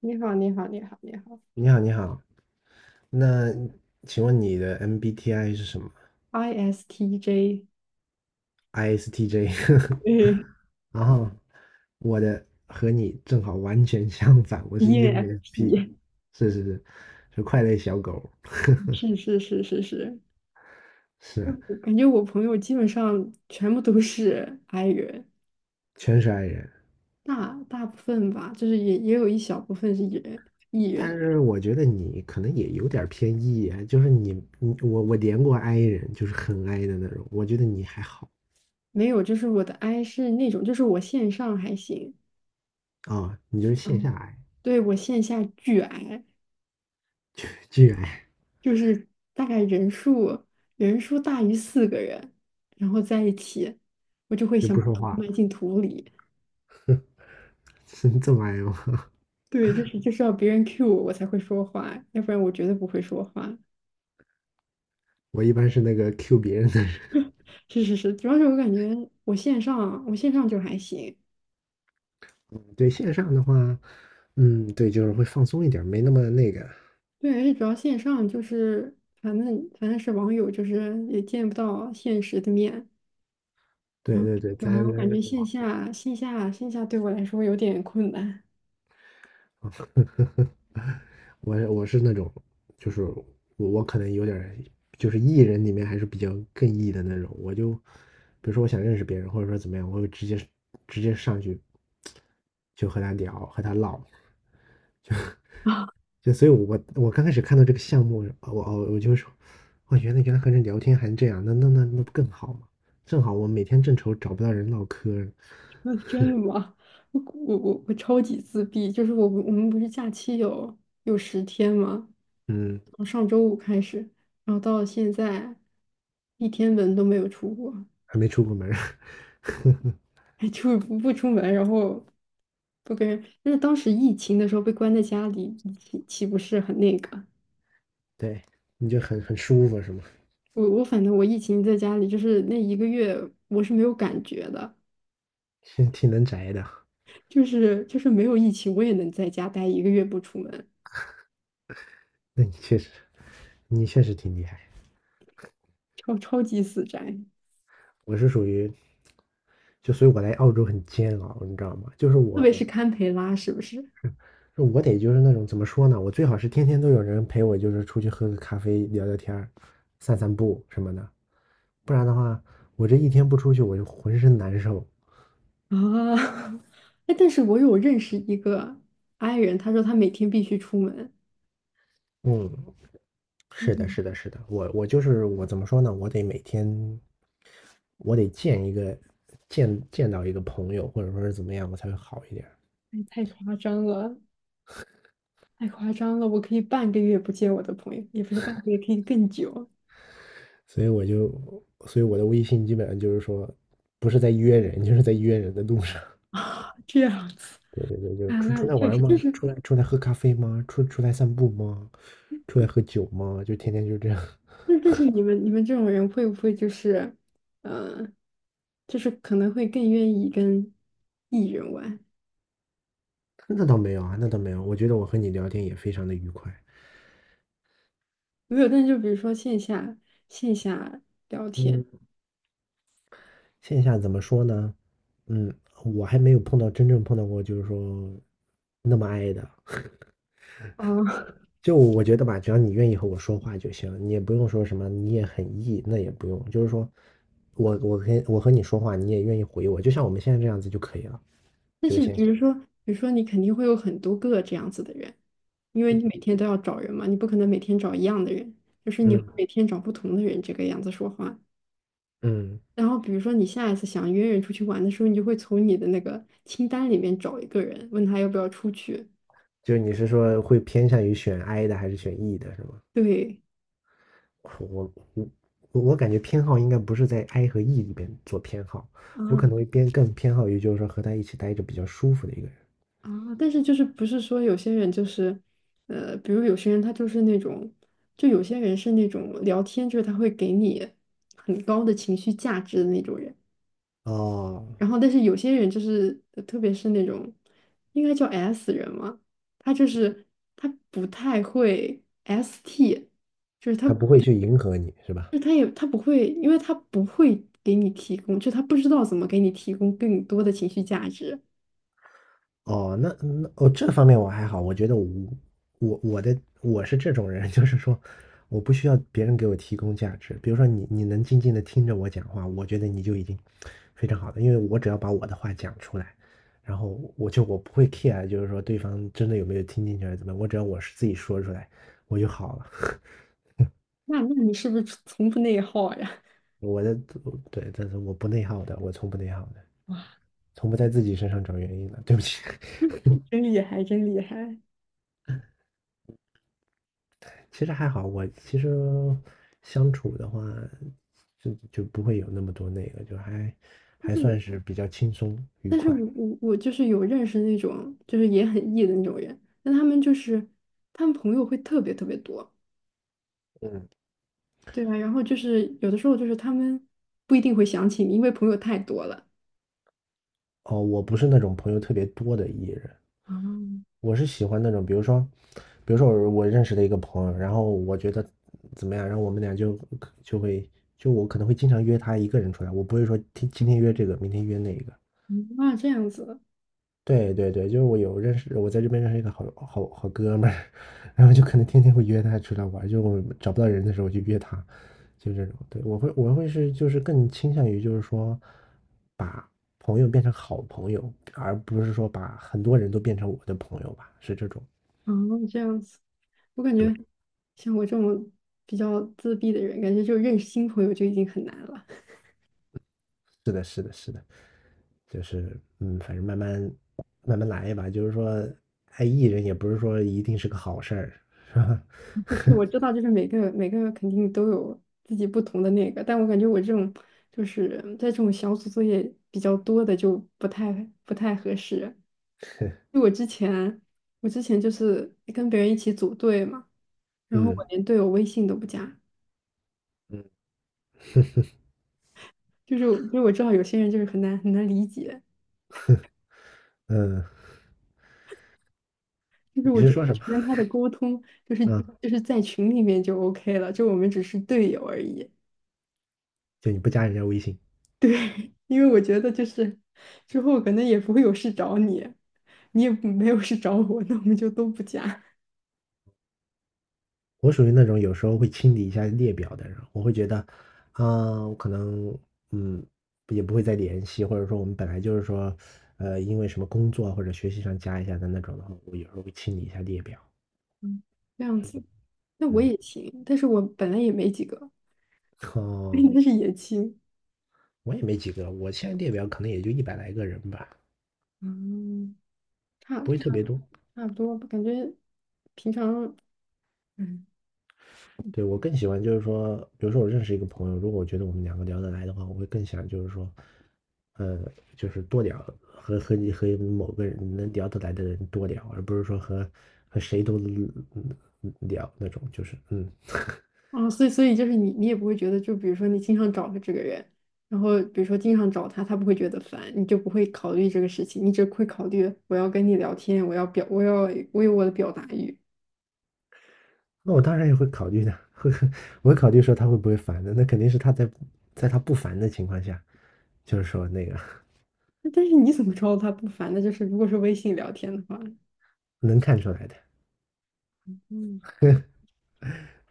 你好，你好，你好，你好你好，你好。那请问你的 MBTI 是什么，ISTJ。？ISTJ。嗯 然后我的和你正好完全相反，我是 e n f ENFP，p 是是是，是快乐小狗，是是是，是啊嗯，我感觉我朋友基本上全部都是 I 人，全是 I 人。大部分吧，就是也有一小部分是 E 人，E 人。但是我觉得你可能也有点儿偏 E，啊就是你我连过 I 人，就是很 I 的那种。我觉得你还好没有，就是我的 I 是那种，就是我线上还行。啊、你就是线嗯，下 I，对，我线下巨 I，巨 I，就是大概人数大于四个人，然后在一起，我就会就想不把说头话埋了，进土里。是这么 I 吗？对，就是要别人 cue 我，我才会说话，要不然我绝对不会说话。我一般是那个 Q 别人的人。是是是，主要是我感觉我线上，我线上就还行。对线上的话，嗯，对，就是会放松一点儿没那么那个。对，而且主要线上就是，反正是网友，就是也见不到现实的面，对然后对对，就还我感觉线下对我来说有点困难。我是那种，就是我可能有点儿就是 E 人里面还是比较更 E 的那种。我就比如说我想认识别人，或者说怎么样，我会直接上去就和他聊，和他唠。就所以我，我刚开始看到这个项目，我就说，哇，原来和人聊天还这样，那不更好吗？正好我每天正愁找不到人唠嗑儿那真的吗？我超级自闭，就是我们不是假期有十天吗？嗯，从上周五开始，然后到了现在，一天门都没有出过。还没出过门 就不出门，然后不跟人。但是当时疫情的时候被关在家里，岂不是很那个？对，你就很舒服是吗？我反正我疫情在家里，就是那一个月我是没有感觉的，挺能宅的，就是没有疫情我也能在家待一个月不出门，那你确实，你确实挺厉害。超级死宅。我是属于，就所以我来澳洲很煎熬，你知道吗？就是特我，别是堪培拉是不是我得就是那种怎么说呢？我最好是天天都有人陪我，就是出去喝个咖啡、聊聊天儿、散散步什么的，不然的话，我这一天不出去，我就浑身难受。啊？哎，但是我有认识一个 i 人，他说他每天必须出门，嗯，但是是的，是的，是的，我就是我怎么说呢？我得每天，我得见一个见到一个朋友，或者说是怎么样，我才会好一点儿哎太夸张了，太夸张了，我可以半个月不见我的朋友，也不是半个月，可以更久。所以我就，所以我的微信基本上就是说，不是在约人，就是在约人的路上。这样子 对对对，就是啊，出出那来确玩实，吗？就是。出来喝咖啡吗？出来散步吗？出来喝酒吗？就天天就这样。那但是你们这种人会不会就是，嗯呃，就是可能会更愿意跟 E 人玩，那倒没有啊，那倒没有。我觉得我和你聊天也非常的愉快。没有，但就比如说线下线下聊天。嗯。线下怎么说呢？嗯，我还没有碰到真正碰到过，就是说那么爱的。哦，就我觉得吧，只要你愿意和我说话就行，你也不用说什么，你也很 E,那也不用，就是说我和你说话，你也愿意回我，就像我们现在这样子就可以了，但就是是线比下。如说，比如说你肯定会有很多个这样子的人，因为你每天都要找人嘛，你不可能每天找一样的人，就是你会嗯每天找不同的人这个样子说话。嗯，然后比如说你下一次想约人出去玩的时候，你就会从你的那个清单里面找一个人，问他要不要出去。就是你是说会偏向于选 I 的还是选 E 的，是吗？对。我我我我感觉偏好应该不是在 I 和 E 里边做偏好，我可嗯，能会偏更偏好于就是说和他一起待着比较舒服的一个人。啊，但是就是不是说有些人就是，比如有些人他就是那种，就有些人是那种聊天，就是他会给你很高的情绪价值的那种人。哦，然后，但是有些人就是，特别是那种应该叫 S 人嘛，他就是他不太会 ST，就是他，他不会就去迎合你，是吧？是他不会，因为他不会给你提供，就他不知道怎么给你提供更多的情绪价值。哦，哦，这方面我还好，我觉得我我的我是这种人，就是说我不需要别人给我提供价值。比如说你能静静的听着我讲话，我觉得你就已经非常好的，因为我只要把我的话讲出来，然后我就我不会 care,就是说对方真的有没有听进去还是怎么样，我只要我是自己说出来，我就好了。那那你是不是从不内耗呀？我的对，但是我不内耗的，我从不内耗的，从不在自己身上找原因的。对不起，真厉害，真厉害。其实还好，我其实相处的话，就不会有那么多那个，就还但还是我，算是比较轻松愉但是快。我我我就是有认识那种，就是也很 E 的那种人，但他们就是他们朋友会特别特别多。嗯对啊，然后就是有的时候就是他们不一定会想起你，因为朋友太多了。哦，我不是那种朋友特别多的艺人，啊我是喜欢那种，比如说，比如说我认识的一个朋友，然后我觉得怎么样，然后我们俩就就会就我可能会经常约他一个人出来，我不会说今天约这个，明天约那个，那对对对，就是我有认识，我在这边认识一个好好好哥们儿，然后就可能天天会约他出来玩儿就我找不到人的时候就约他，就这种。对，我会是就是更倾向于就是说，把朋友变成好朋友，而不是说把很多人都变成我的朋友吧，是这种。这样子，啊这样子。我感觉对，像我这种比较自闭的人，感觉就认识新朋友就已经很难了。是的，是的，是的，就是嗯，反正慢慢来吧，就是说爱艺人也不是说一定是个好事儿，是吧？就是我知道，就是每个肯定都有自己不同的那个，但我感觉我这种就是在这种小组作业比较多的就不太合适。就 我之前我之前就是跟别人一起组队嘛。然后我嗯连队友微信都不加，嗯，就是因为我知道有些人就是很难理解，嗯，就是你我是觉得说什么？我跟他的沟通就是嗯。在群里面就 OK 了，就我们只是队友而已。就你不加人家微信。因为我觉得就是之后可能也不会有事找你，你也没有事找我，那我们就都不加。我属于那种有时候会清理一下列表的人，我会觉得，啊、我可能嗯也不会再联系，或者说我们本来就是说，因为什么工作或者学习上加一下的那种的话，我有时候会清理一下列表。嗯，这样子。那我嗯，也行，但是我本来也没几个，哦，应该是也行。我也没几个，我现在列表可能也就一百来个人吧，嗯，差不会特差别多。差不多吧，感觉平常。嗯，对，我更喜欢就是说，比如说我认识一个朋友，如果我觉得我们两个聊得来的话，我会更想就是说，呃，就是多聊，和你和某个人能聊得来的人多聊，而不是说和谁都聊那种，就是哦，所以就是你，你也不会觉得，就比如说你经常找的这个人，然后比如说经常找他，他不会觉得烦，你就不会考虑这个事情，你只会考虑我要跟你聊天，我要表，我有我的表达欲。那我当然也会考虑的，我会考虑说他会不会烦的，那肯定是在他不烦的情况下，就是说那个但是你怎么知道他不烦呢？就是如果是微信聊天的话，能看出来的，嗯，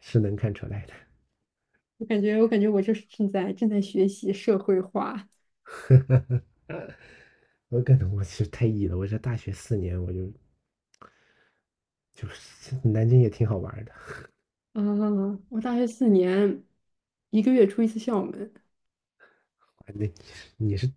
是能看出来的。我感觉我就是正在学习社会化。我可能我是太 E 了，我这大学4年我就是南京也挺好玩的。啊，我大学四年，一个月出一次校门，啊那你是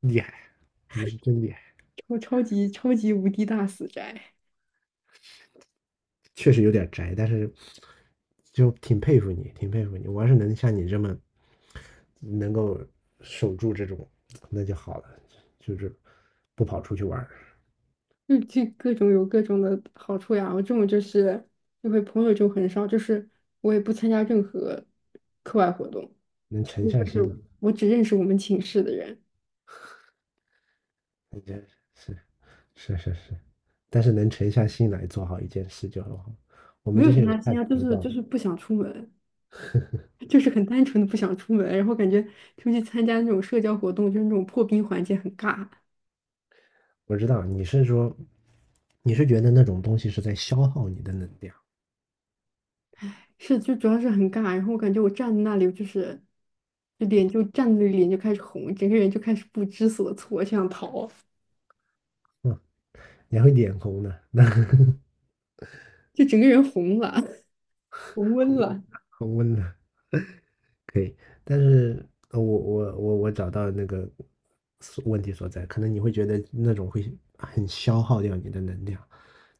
厉害，你是真厉害，超级无敌大死宅。确实有点宅，但是就挺佩服你，挺佩服你。我要是能像你这么能够守住这种，那就好了，就是不跑出去玩儿就就各种有各种的好处呀。我这种就是就会朋友就很少，就是我也不参加任何课外活动，能沉所以下就心是来，我只认识我们寝室的人，那真是是是是，但是能沉下心来做好一件事就很好。我们没这有些参人加参太加，就浮是躁了，就是不想出门，就是很单纯的不想出门，然后感觉出去参加那种社交活动，就是那种破冰环节很尬。我知道你是说你是觉得那种东西是在消耗你的能量，是就主要是很尬，然后我感觉我站在那里就是就脸就站在那里脸就开始红，整个人就开始不知所措，就想逃，嗯，你还会脸红呢，那 就整个人红了。红温恒温了。的，恒温的可以，但是我找到那个所问题所在，可能你会觉得那种会很消耗掉你的能量，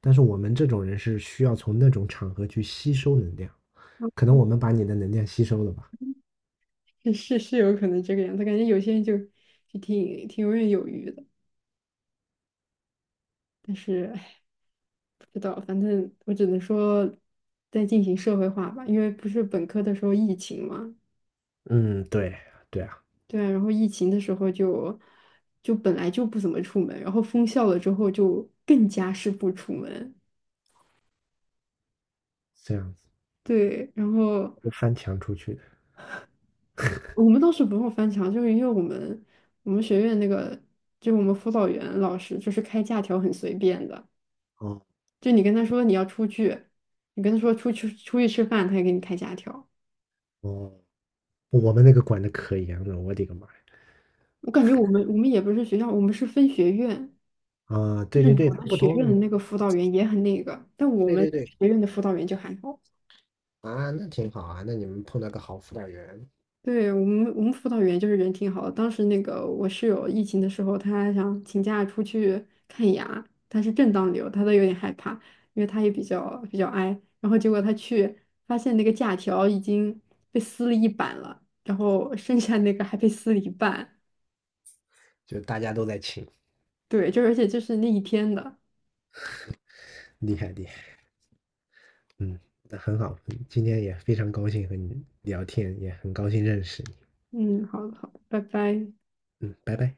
但是我们这种人是需要从那种场合去吸收能量，可能我们把你的能量吸收了吧？是是有可能这个样子，感觉有些人就就挺游刃有余的，但是唉，不知道，反正我只能说在进行社会化吧，因为不是本科的时候疫情嘛，嗯，对对啊，对啊，然后疫情的时候就就本来就不怎么出门，然后封校了之后就更加是不出门。这样子对，然后我翻墙出去的。我们倒是不用翻墙，就是因为我们学院那个就我们辅导员老师就是开假条很随便的。哦就你跟他说你要出去，你跟他说出去吃饭，他也给你开假条。哦，我们那个管的可严了，我的个妈呀！我感觉我们也不是学校，我们是分学院，啊，就对是对对，有他的不学院的同，那个辅导员也很那个，但我对们对对，学院的辅导员就还好。啊，那挺好啊，那你们碰到个好辅导员，对，我们辅导员就是人挺好的。当时那个我室友疫情的时候，他想请假出去看牙，他是正当理由，他都有点害怕，因为他也比较 i。然后结果他去发现那个假条已经被撕了一半了，然后剩下那个还被撕了一半。就大家都在请。对，就而且就是那一天的。厉害厉害，嗯，那很好，今天也非常高兴和你聊天，也很高兴认识嗯，好的好的，拜拜。你，拜拜。